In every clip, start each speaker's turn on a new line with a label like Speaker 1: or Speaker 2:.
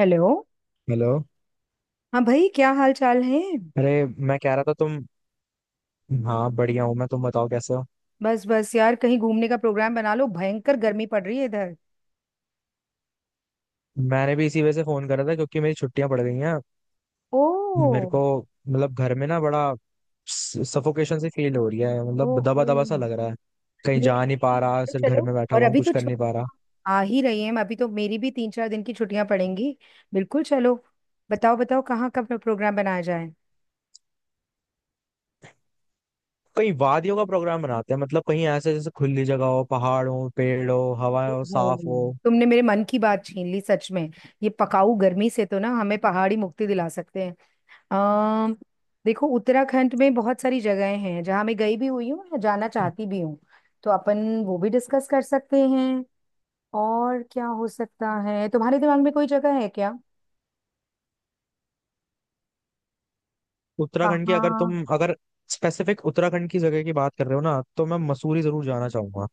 Speaker 1: Hello.
Speaker 2: Hello.
Speaker 1: हाँ भाई, क्या हाल चाल है?
Speaker 2: अरे मैं कह रहा था तुम। हाँ बढ़िया हूँ मैं, तुम बताओ कैसे हो।
Speaker 1: बस बस यार, कहीं घूमने का प्रोग्राम बना लो, भयंकर गर्मी पड़ रही है इधर।
Speaker 2: मैंने भी इसी वजह से फोन करा था क्योंकि मेरी छुट्टियां पड़ गई हैं मेरे
Speaker 1: ओ।
Speaker 2: को। मतलब घर में ना बड़ा सफोकेशन सी फील हो रही है, मतलब
Speaker 1: ओहो।
Speaker 2: दबा दबा सा लग रहा है। कहीं
Speaker 1: नहीं
Speaker 2: जा नहीं पा
Speaker 1: नहीं।
Speaker 2: रहा,
Speaker 1: चलो
Speaker 2: सिर्फ घर
Speaker 1: चलो,
Speaker 2: में बैठा
Speaker 1: और
Speaker 2: हुआ हूँ,
Speaker 1: अभी
Speaker 2: कुछ
Speaker 1: तो
Speaker 2: कर नहीं पा रहा।
Speaker 1: छुट्टियां आ ही रही हैं, अभी तो मेरी भी तीन चार दिन की छुट्टियां पड़ेंगी। बिल्कुल, चलो। बताओ बताओ, कहाँ का प्रोग्राम बनाया जाए?
Speaker 2: कहीं वादियों का प्रोग्राम बनाते हैं, मतलब कहीं ऐसे जैसे खुली जगह हो, पहाड़ हो, पेड़ हो, हवा हो,
Speaker 1: ओहो,
Speaker 2: साफ हो।
Speaker 1: तुमने मेरे मन की बात छीन ली सच में। ये पकाऊ गर्मी से तो ना हमें पहाड़ी मुक्ति दिला सकते हैं। अम देखो, उत्तराखंड में बहुत सारी जगहें हैं जहाँ मैं गई भी हुई हूँ या जाना चाहती भी हूँ। तो अपन वो भी डिस्कस कर सकते हैं। और क्या हो सकता है, तुम्हारे दिमाग में कोई जगह है क्या?
Speaker 2: उत्तराखंड की अगर
Speaker 1: कहाँ?
Speaker 2: तुम अगर स्पेसिफिक उत्तराखंड की जगह की बात कर रहे हो ना, तो मैं मसूरी जरूर जाना चाहूंगा।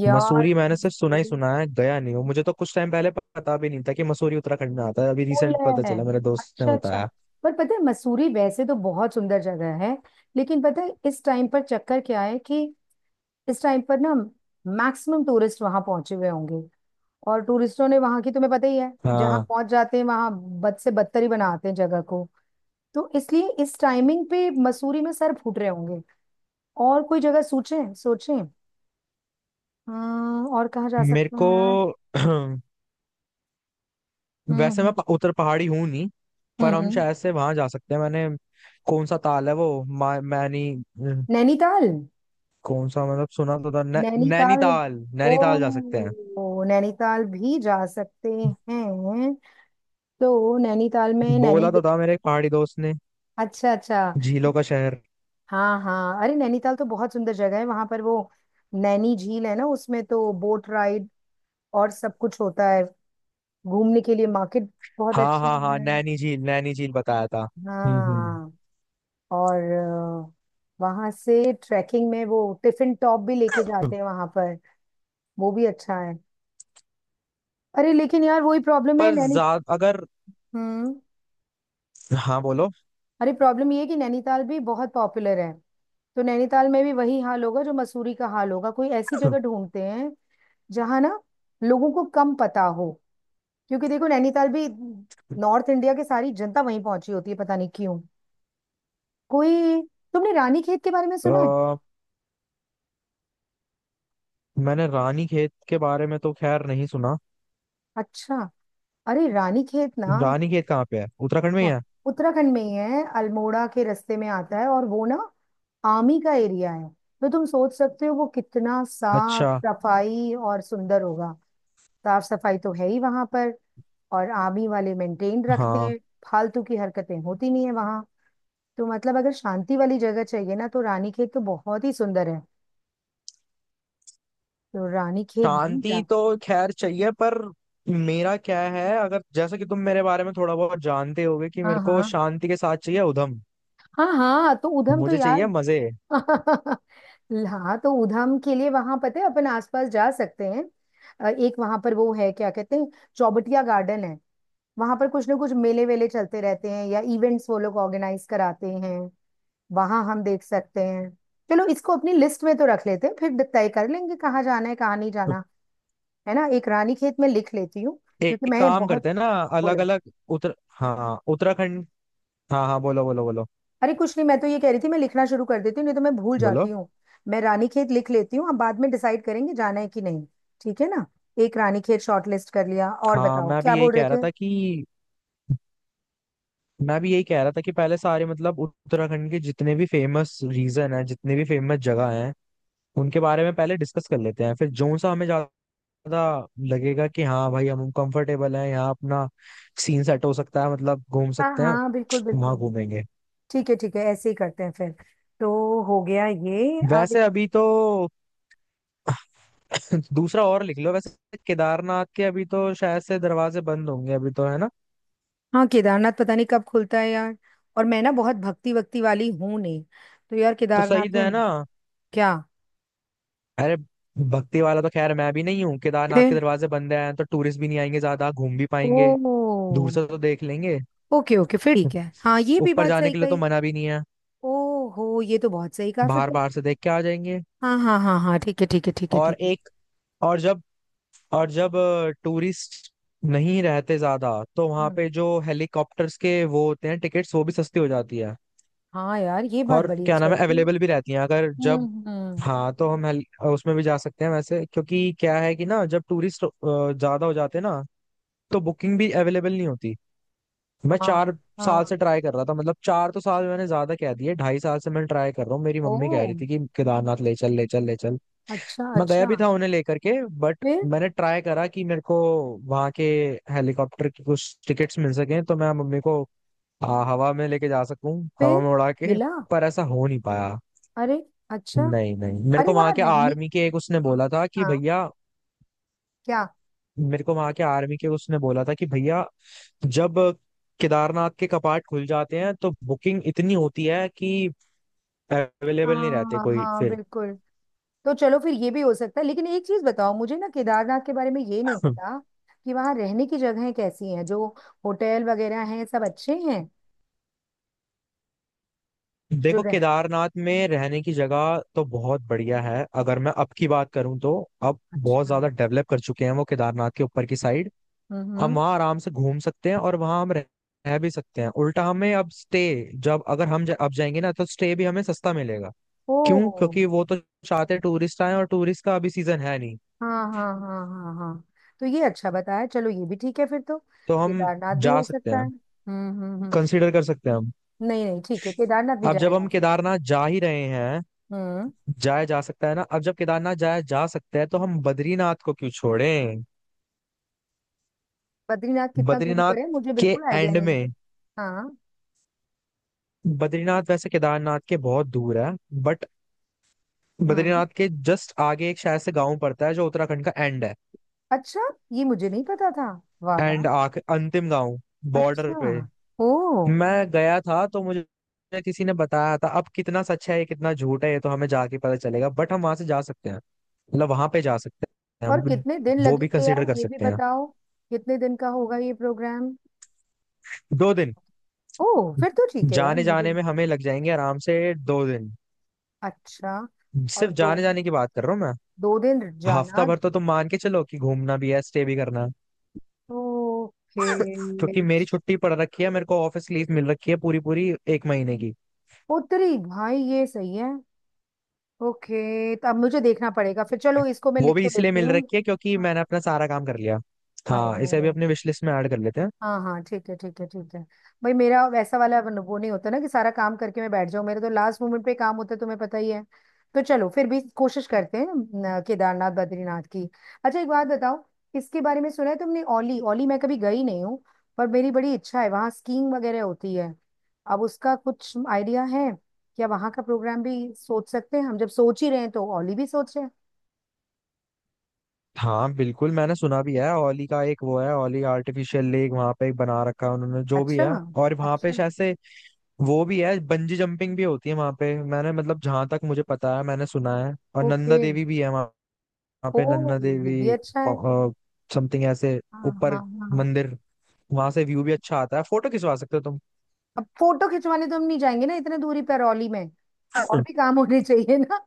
Speaker 1: यार
Speaker 2: मसूरी मैंने सिर्फ सुना ही
Speaker 1: मसूरी।
Speaker 2: सुना है, गया नहीं हूँ। मुझे तो कुछ टाइम पहले पता भी नहीं था कि मसूरी उत्तराखंड में आता है, अभी
Speaker 1: पुल
Speaker 2: रिसेंट पता
Speaker 1: है।
Speaker 2: चला, मेरे दोस्त ने
Speaker 1: अच्छा अच्छा।
Speaker 2: बताया।
Speaker 1: पर पता है, मसूरी वैसे तो बहुत सुंदर जगह है, लेकिन पता है इस टाइम पर चक्कर क्या है कि इस टाइम पर ना मैक्सिमम टूरिस्ट वहां पहुंचे हुए होंगे। और टूरिस्टों ने वहां की, तुम्हें पता ही है, जहां
Speaker 2: हाँ,
Speaker 1: पहुंच जाते हैं वहां बद से बदतर ही बनाते हैं जगह को। तो इसलिए इस टाइमिंग पे मसूरी में सर फूट रहे होंगे। और कोई जगह सोचें सोचें। और कहाँ जा
Speaker 2: मेरे
Speaker 1: सकते
Speaker 2: को
Speaker 1: हैं यार? हम्म।
Speaker 2: वैसे
Speaker 1: हम्म।
Speaker 2: मैं उत्तर पहाड़ी हूँ नहीं,
Speaker 1: हम्म,
Speaker 2: पर हम
Speaker 1: हम्म।
Speaker 2: शायद से वहां जा सकते हैं। मैंने कौन सा ताल है वो, मैनी
Speaker 1: नैनीताल।
Speaker 2: कौन सा, मतलब सुना तो था,
Speaker 1: नैनीताल।
Speaker 2: नैनीताल।
Speaker 1: ओ।
Speaker 2: नैनीताल जा सकते हैं।
Speaker 1: ओ, नैनीताल भी जा सकते हैं। तो नैनीताल में नैनी।
Speaker 2: बोला तो था मेरे एक पहाड़ी दोस्त ने,
Speaker 1: अच्छा अच्छा।
Speaker 2: झीलों का शहर।
Speaker 1: हाँ हाँ, अरे नैनीताल तो बहुत सुंदर जगह है, वहां पर वो नैनी झील है ना, उसमें तो बोट राइड और सब कुछ होता है। घूमने के लिए मार्केट बहुत
Speaker 2: हाँ
Speaker 1: अच्छी
Speaker 2: हाँ हाँ,
Speaker 1: है।
Speaker 2: नैनी झील, नैनी झील बताया था। हम्म
Speaker 1: हाँ। और अ, वहां से ट्रैकिंग में वो टिफिन टॉप भी लेके
Speaker 2: हम्म।
Speaker 1: जाते हैं वहां पर। वो भी अच्छा है। अरे लेकिन यार, वही प्रॉब्लम है
Speaker 2: पर
Speaker 1: नैनी।
Speaker 2: ज्यादा अगर।
Speaker 1: हम्म।
Speaker 2: हाँ बोलो।
Speaker 1: अरे प्रॉब्लम ये है कि नैनीताल भी बहुत पॉपुलर है। तो नैनीताल में भी वही हाल होगा जो मसूरी का हाल होगा। कोई ऐसी जगह ढूंढते हैं जहां ना लोगों को कम पता हो। क्योंकि देखो नैनीताल भी, नॉर्थ इंडिया की सारी जनता वहीं पहुंची होती है पता नहीं क्यों। कोई, तुमने रानी खेत के बारे में
Speaker 2: अ,
Speaker 1: सुना है?
Speaker 2: मैंने रानी खेत के बारे में तो खैर नहीं सुना।
Speaker 1: अच्छा। अरे रानी खेत ना।
Speaker 2: रानी खेत कहाँ पे है, उत्तराखंड में ही
Speaker 1: हाँ,
Speaker 2: है?
Speaker 1: उत्तराखंड में ही है, अल्मोड़ा के रास्ते में आता है। और वो ना आमी का एरिया है, तो तुम सोच सकते हो वो कितना साफ
Speaker 2: अच्छा।
Speaker 1: सफाई और सुंदर होगा। साफ सफाई तो है ही वहां पर, और आर्मी वाले मेंटेन रखते
Speaker 2: हाँ,
Speaker 1: हैं। फालतू की हरकतें होती नहीं है वहां। तो मतलब अगर शांति वाली जगह चाहिए ना, तो रानी खेत तो बहुत ही सुंदर है। तो रानी खेत भी जा।
Speaker 2: शांति तो खैर चाहिए, पर मेरा क्या है, अगर जैसा कि तुम मेरे बारे में थोड़ा बहुत जानते होगे, कि
Speaker 1: हाँ
Speaker 2: मेरे को
Speaker 1: हाँ।
Speaker 2: शांति के साथ चाहिए उधम,
Speaker 1: हाँ हाँ, तो उधम तो
Speaker 2: मुझे
Speaker 1: यार
Speaker 2: चाहिए मजे।
Speaker 1: हाँ तो उधम के लिए वहां पता है अपन आसपास जा सकते हैं। एक वहां पर वो है, क्या कहते हैं, चौबटिया गार्डन है। वहां पर कुछ ना कुछ मेले वेले चलते रहते हैं या इवेंट्स वो लोग ऑर्गेनाइज कराते हैं, वहां हम देख सकते हैं। चलो इसको अपनी लिस्ट में तो रख लेते हैं, फिर तय कर लेंगे कहाँ जाना है कहाँ नहीं जाना। है ना? एक रानीखेत में लिख लेती हूँ क्योंकि
Speaker 2: एक
Speaker 1: मैं
Speaker 2: काम
Speaker 1: बहुत,
Speaker 2: करते हैं ना, अलग
Speaker 1: बोलो।
Speaker 2: अलग उत्तर, हाँ उत्तराखंड। हाँ हाँ बोलो बोलो बोलो।
Speaker 1: अरे कुछ नहीं, मैं तो ये कह रही थी मैं लिखना शुरू कर देती हूँ नहीं तो मैं भूल
Speaker 2: बोलो।
Speaker 1: जाती हूँ। मैं रानीखेत लिख लेती हूँ, अब बाद में डिसाइड करेंगे जाना है कि नहीं। ठीक है ना? एक रानीखेत शॉर्टलिस्ट कर लिया, और
Speaker 2: हाँ,
Speaker 1: बताओ
Speaker 2: मैं
Speaker 1: क्या
Speaker 2: भी यही
Speaker 1: बोल रहे
Speaker 2: कह रहा
Speaker 1: थे।
Speaker 2: था कि, मैं भी यही कह रहा था कि पहले सारे, मतलब उत्तराखंड के जितने भी फेमस रीजन है, जितने भी फेमस जगह हैं, उनके बारे में पहले डिस्कस कर लेते हैं, फिर जो सा हमें ज्यादा लगेगा कि हाँ भाई हम कंफर्टेबल हैं यहाँ, अपना सीन सेट हो सकता है, मतलब घूम
Speaker 1: हाँ
Speaker 2: सकते हैं,
Speaker 1: हाँ बिल्कुल
Speaker 2: वहां
Speaker 1: बिल्कुल।
Speaker 2: घूमेंगे।
Speaker 1: ठीक है ठीक है, ऐसे ही करते हैं फिर। तो हो गया ये
Speaker 2: वैसे
Speaker 1: अब।
Speaker 2: अभी तो दूसरा और लिख लो वैसे। केदारनाथ के अभी तो शायद से दरवाजे बंद होंगे अभी, तो है ना,
Speaker 1: हाँ केदारनाथ पता नहीं कब खुलता है यार। और मैं ना बहुत भक्ति वक्ति वाली हूँ नहीं। तो यार
Speaker 2: तो सही
Speaker 1: केदारनाथ
Speaker 2: तो
Speaker 1: में
Speaker 2: है ना।
Speaker 1: क्या
Speaker 2: अरे भक्ति वाला तो खैर मैं भी नहीं हूँ, केदारनाथ के
Speaker 1: फिर।
Speaker 2: दरवाजे बंद हैं तो टूरिस्ट भी नहीं आएंगे, ज्यादा घूम भी पाएंगे। दूर
Speaker 1: ओ।
Speaker 2: से तो देख लेंगे,
Speaker 1: ओके ओके, फिर ठीक है, हाँ ये भी
Speaker 2: ऊपर
Speaker 1: बात
Speaker 2: जाने
Speaker 1: सही
Speaker 2: के लिए तो
Speaker 1: कही।
Speaker 2: मना भी नहीं है।
Speaker 1: ओहो, ये तो बहुत सही कहा फिर।
Speaker 2: बाहर बाहर से देख के आ जाएंगे।
Speaker 1: हाँ हाँ हाँ हाँ, ठीक है ठीक है ठीक है
Speaker 2: और
Speaker 1: ठीक है।
Speaker 2: एक, और जब और जब टूरिस्ट नहीं रहते ज्यादा, तो वहां
Speaker 1: हम्म।
Speaker 2: पे जो हेलीकॉप्टर्स के वो होते हैं टिकट्स, वो भी सस्ती हो जाती है।
Speaker 1: हाँ यार, ये बात
Speaker 2: और
Speaker 1: बड़ी
Speaker 2: क्या नाम
Speaker 1: अच्छाई
Speaker 2: है,
Speaker 1: थी।
Speaker 2: अवेलेबल भी रहती हैं अगर जब।
Speaker 1: हम्म।
Speaker 2: हाँ, तो हम उसमें भी जा सकते हैं वैसे, क्योंकि क्या है कि ना जब टूरिस्ट ज्यादा हो जाते हैं ना, तो बुकिंग भी अवेलेबल नहीं होती। मैं
Speaker 1: हाँ।
Speaker 2: चार साल से
Speaker 1: हाँ।
Speaker 2: ट्राई कर रहा था, मतलब चार तो साल मैंने ज्यादा कह दिए, ढाई साल से मैं ट्राई कर रहा हूँ, मेरी
Speaker 1: ओ।
Speaker 2: मम्मी कह रही थी कि केदारनाथ ले चल, ले चल, ले चल।
Speaker 1: अच्छा
Speaker 2: मैं गया
Speaker 1: अच्छा।
Speaker 2: भी था उन्हें लेकर के, बट
Speaker 1: फिर।
Speaker 2: मैंने ट्राई करा कि मेरे को वहां के हेलीकॉप्टर की कुछ टिकट्स मिल सके, तो मैं मम्मी को हवा में लेके जा सकूं, हवा
Speaker 1: फिर।
Speaker 2: में उड़ा के।
Speaker 1: मिला।
Speaker 2: पर ऐसा हो नहीं पाया।
Speaker 1: अरे। अच्छा।
Speaker 2: नहीं नहीं, मेरे
Speaker 1: अरे
Speaker 2: को वहां
Speaker 1: वहां
Speaker 2: के
Speaker 1: रहने।
Speaker 2: आर्मी के एक उसने बोला था कि
Speaker 1: हाँ।
Speaker 2: भैया
Speaker 1: क्या।
Speaker 2: मेरे को वहां के आर्मी के उसने बोला था कि भैया, जब केदारनाथ के कपाट खुल जाते हैं तो बुकिंग इतनी होती है कि अवेलेबल नहीं रहते
Speaker 1: हाँ
Speaker 2: कोई
Speaker 1: हाँ
Speaker 2: फिर।
Speaker 1: बिल्कुल। तो चलो फिर, ये भी हो सकता है। लेकिन एक चीज बताओ, मुझे ना केदारनाथ के बारे में ये नहीं पता कि वहां रहने की जगहें कैसी हैं, जो होटल वगैरह हैं सब अच्छे हैं? जो
Speaker 2: देखो,
Speaker 1: रह।
Speaker 2: केदारनाथ में रहने की जगह तो बहुत बढ़िया है, अगर मैं अब की बात करूं तो अब बहुत
Speaker 1: अच्छा।
Speaker 2: ज्यादा डेवलप कर चुके हैं वो, केदारनाथ के ऊपर की साइड। हम
Speaker 1: हम्म।
Speaker 2: वहाँ आराम से घूम सकते हैं और वहाँ हम रह रह भी सकते हैं, उल्टा हमें अब स्टे, जब अगर हम अब जाएंगे ना, तो स्टे भी हमें सस्ता मिलेगा। क्यों?
Speaker 1: ओ।
Speaker 2: क्योंकि वो तो चाहते टूरिस्ट आए, और टूरिस्ट का अभी सीजन है नहीं।
Speaker 1: हाँ हाँ हाँ हाँ हाँ। तो ये अच्छा बताया, चलो ये भी ठीक है फिर तो।
Speaker 2: तो हम
Speaker 1: केदारनाथ भी
Speaker 2: जा
Speaker 1: हो
Speaker 2: सकते
Speaker 1: सकता है।
Speaker 2: हैं,
Speaker 1: हम्म,
Speaker 2: कंसीडर कर सकते हैं हम।
Speaker 1: नहीं नहीं ठीक है, केदारनाथ भी
Speaker 2: अब
Speaker 1: जाया
Speaker 2: जब
Speaker 1: जा
Speaker 2: हम
Speaker 1: सकता
Speaker 2: केदारनाथ जा ही रहे हैं,
Speaker 1: है। हम्म।
Speaker 2: जाया जा सकता है ना, अब जब केदारनाथ जाया जा सकता है तो हम बद्रीनाथ को क्यों छोड़ें।
Speaker 1: बद्रीनाथ कितना दूरी
Speaker 2: बद्रीनाथ
Speaker 1: पर है, मुझे
Speaker 2: के
Speaker 1: बिल्कुल आइडिया
Speaker 2: एंड
Speaker 1: नहीं है।
Speaker 2: में,
Speaker 1: हाँ।
Speaker 2: बद्रीनाथ वैसे केदारनाथ के बहुत दूर है, बट
Speaker 1: हम्म।
Speaker 2: बद्रीनाथ के जस्ट आगे एक शायद से गांव पड़ता है, जो उत्तराखंड का एंड है।
Speaker 1: अच्छा, ये मुझे नहीं पता था। वाह
Speaker 2: एंड,
Speaker 1: वाह।
Speaker 2: आख अंतिम गांव, बॉर्डर
Speaker 1: अच्छा।
Speaker 2: पे।
Speaker 1: ओ।
Speaker 2: मैं गया था तो मुझे किसी ने बताया था, अब कितना सच है ये कितना झूठ है ये तो हमें जाके पता चलेगा, बट हम वहां से जा सकते हैं, मतलब वहां पे जा सकते हैं
Speaker 1: पर
Speaker 2: हम।
Speaker 1: कितने दिन
Speaker 2: वो भी
Speaker 1: लगेंगे
Speaker 2: कंसीडर
Speaker 1: यार,
Speaker 2: कर
Speaker 1: ये भी
Speaker 2: सकते हैं।
Speaker 1: बताओ। कितने दिन का होगा ये प्रोग्राम?
Speaker 2: दो दिन
Speaker 1: ओ। फिर तो ठीक है यार,
Speaker 2: जाने
Speaker 1: मुझे।
Speaker 2: जाने में हमें लग जाएंगे आराम से, दो दिन।
Speaker 1: अच्छा। और
Speaker 2: सिर्फ
Speaker 1: दो,
Speaker 2: जाने जाने की बात कर रहा हूँ मैं।
Speaker 1: दो दिन
Speaker 2: हफ्ता
Speaker 1: जाना।
Speaker 2: भर तो तुम मान के चलो कि घूमना भी है, स्टे भी करना है।
Speaker 1: ओके
Speaker 2: क्योंकि मेरी छुट्टी पड़ रखी है, मेरे को ऑफिस लीव मिल रखी है, पूरी पूरी एक महीने की।
Speaker 1: उत्तरी भाई ये सही है। ओके, तो अब मुझे देखना पड़ेगा, फिर चलो इसको मैं
Speaker 2: वो
Speaker 1: लिख
Speaker 2: भी
Speaker 1: तो
Speaker 2: इसलिए
Speaker 1: लेती
Speaker 2: मिल
Speaker 1: हूँ।
Speaker 2: रखी है क्योंकि मैंने अपना सारा काम कर लिया।
Speaker 1: आई
Speaker 2: हाँ,
Speaker 1: नो।
Speaker 2: इसे भी अपने विश लिस्ट में ऐड कर लेते हैं।
Speaker 1: हाँ हाँ ठीक है ठीक है ठीक है। भाई मेरा वैसा वाला वो नहीं होता ना, कि सारा काम करके मैं बैठ जाऊं। मेरे तो लास्ट मोमेंट पे काम होता है, तुम्हें पता ही है। तो चलो फिर भी कोशिश करते हैं न, केदारनाथ बद्रीनाथ की। अच्छा एक बात बताओ, इसके बारे में सुना है तुमने, ओली? ओली मैं कभी गई नहीं हूँ, पर मेरी बड़ी इच्छा है, वहाँ स्कीइंग वगैरह होती है। अब उसका कुछ आइडिया है क्या? वहाँ का प्रोग्राम भी सोच सकते हैं हम, जब सोच ही रहे हैं तो ओली भी सोचे।
Speaker 2: हाँ बिल्कुल, मैंने सुना भी है ओली का। एक वो है ओली आर्टिफिशियल लेक, वहां पे एक बना रखा है उन्होंने, जो भी
Speaker 1: अच्छा
Speaker 2: है। और वहां पे
Speaker 1: अच्छा।
Speaker 2: शायद से वो भी है, बंजी जंपिंग भी होती है वहां पे, मैंने, मतलब जहां तक मुझे पता है, मैंने सुना है। और नंदा
Speaker 1: ओके।
Speaker 2: देवी भी है वहां
Speaker 1: ओ।
Speaker 2: पे, नंदा
Speaker 1: ये
Speaker 2: देवी
Speaker 1: भी अच्छा है।
Speaker 2: समथिंग ऐसे,
Speaker 1: हाँ हाँ
Speaker 2: ऊपर
Speaker 1: हाँ।
Speaker 2: मंदिर। वहां से व्यू भी अच्छा आता है, फोटो खिंचवा सकते हो तुम।
Speaker 1: अब फोटो खिंचवाने तो हम नहीं जाएंगे ना इतने दूरी करौली में, और भी काम होने चाहिए ना।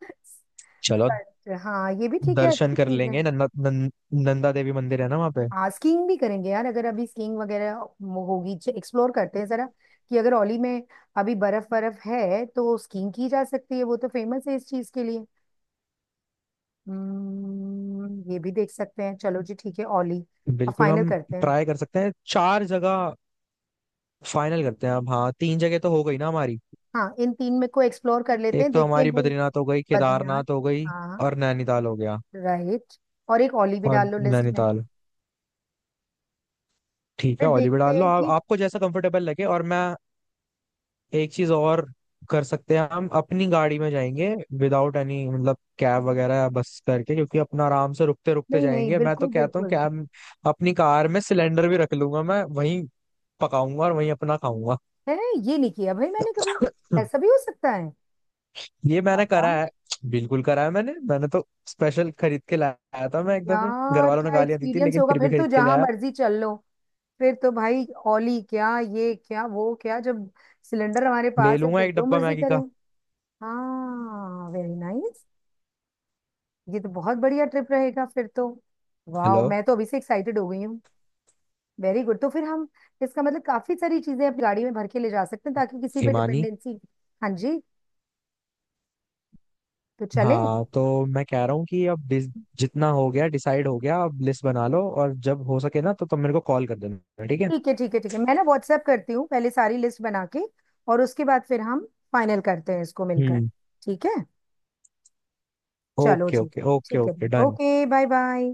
Speaker 2: चलो,
Speaker 1: बट हाँ ये भी ठीक है,
Speaker 2: दर्शन
Speaker 1: अच्छी
Speaker 2: कर
Speaker 1: चीज है।
Speaker 2: लेंगे। नंदा देवी मंदिर है ना वहां पे।
Speaker 1: हाँ स्कीइंग भी करेंगे यार, अगर अभी स्कीइंग वगैरह होगी, एक्सप्लोर करते हैं जरा कि अगर औली में अभी बर्फ बर्फ है तो स्कीइंग की जा सकती है, वो तो फेमस है इस चीज के लिए। ये भी देख सकते हैं, चलो जी, ठीक है औली। अब
Speaker 2: बिल्कुल,
Speaker 1: फाइनल
Speaker 2: हम
Speaker 1: करते हैं।
Speaker 2: ट्राई कर सकते हैं। चार जगह फाइनल करते हैं अब, हाँ तीन जगह तो हो गई ना हमारी।
Speaker 1: हाँ इन तीन में को एक्सप्लोर कर लेते
Speaker 2: एक
Speaker 1: हैं,
Speaker 2: तो
Speaker 1: देखते हैं
Speaker 2: हमारी
Speaker 1: भाई।
Speaker 2: बद्रीनाथ हो गई,
Speaker 1: बद्रीनाथ।
Speaker 2: केदारनाथ हो गई,
Speaker 1: हाँ।
Speaker 2: और नैनीताल हो गया।
Speaker 1: राइट। और एक औली भी डाल
Speaker 2: और
Speaker 1: लो लिस्ट में।
Speaker 2: नैनीताल, ठीक है,
Speaker 1: फिर
Speaker 2: ऑलिव
Speaker 1: देखते
Speaker 2: डाल लो,
Speaker 1: हैं
Speaker 2: आप
Speaker 1: कि।
Speaker 2: आपको जैसा कंफर्टेबल लगे। और मैं एक चीज और कर सकते हैं हम, अपनी गाड़ी में जाएंगे, विदाउट एनी मतलब कैब वगैरह या बस करके, क्योंकि अपना आराम से रुकते रुकते
Speaker 1: नहीं नहीं
Speaker 2: जाएंगे, मैं तो
Speaker 1: बिल्कुल
Speaker 2: कहता हूँ
Speaker 1: बिल्कुल
Speaker 2: कैब। अपनी कार में सिलेंडर भी रख लूंगा मैं, वहीं पकाऊंगा और वहीं अपना खाऊंगा।
Speaker 1: है। ये नहीं किया भाई मैंने कभी। ऐसा भी हो सकता है?
Speaker 2: ये मैंने
Speaker 1: बाबा।
Speaker 2: करा है, बिल्कुल करा है मैंने। मैंने तो स्पेशल खरीद के लाया था मैं, एक दफे घर
Speaker 1: यार
Speaker 2: वालों ने
Speaker 1: क्या
Speaker 2: गालियां दी थी,
Speaker 1: एक्सपीरियंस
Speaker 2: लेकिन
Speaker 1: होगा
Speaker 2: फिर भी
Speaker 1: फिर तो,
Speaker 2: खरीद के
Speaker 1: जहां
Speaker 2: लाया।
Speaker 1: मर्जी चल लो। फिर तो भाई ओली क्या, ये क्या, वो क्या, जब सिलेंडर हमारे
Speaker 2: ले
Speaker 1: पास है
Speaker 2: लूंगा
Speaker 1: फिर
Speaker 2: एक
Speaker 1: जो
Speaker 2: डब्बा
Speaker 1: मर्जी
Speaker 2: मैगी
Speaker 1: करें।
Speaker 2: का।
Speaker 1: हाँ वेरी नाइस, ये तो बहुत बढ़िया ट्रिप रहेगा फिर तो। वाह
Speaker 2: हेलो।
Speaker 1: मैं तो अभी से एक्साइटेड हो गई हूँ। वेरी गुड, तो फिर हम, इसका मतलब काफी सारी चीजें अपनी गाड़ी में भर के ले जा सकते हैं, ताकि किसी पे
Speaker 2: हिमानी।
Speaker 1: डिपेंडेंसी। हाँ जी, तो चले।
Speaker 2: हाँ तो मैं कह रहा हूँ कि अब जितना हो गया डिसाइड हो गया, अब लिस्ट बना लो और जब हो सके ना तो तुम मेरे को कॉल कर देना, ठीक है।
Speaker 1: ठीक है ठीक है ठीक है, मैं ना व्हाट्सएप करती हूँ पहले सारी लिस्ट बना के, और उसके बाद फिर हम फाइनल करते हैं इसको मिलकर।
Speaker 2: हम्म।
Speaker 1: ठीक है। चलो
Speaker 2: ओके
Speaker 1: जी।
Speaker 2: ओके ओके
Speaker 1: ठीक है।
Speaker 2: Okay done.
Speaker 1: Okay, bye bye.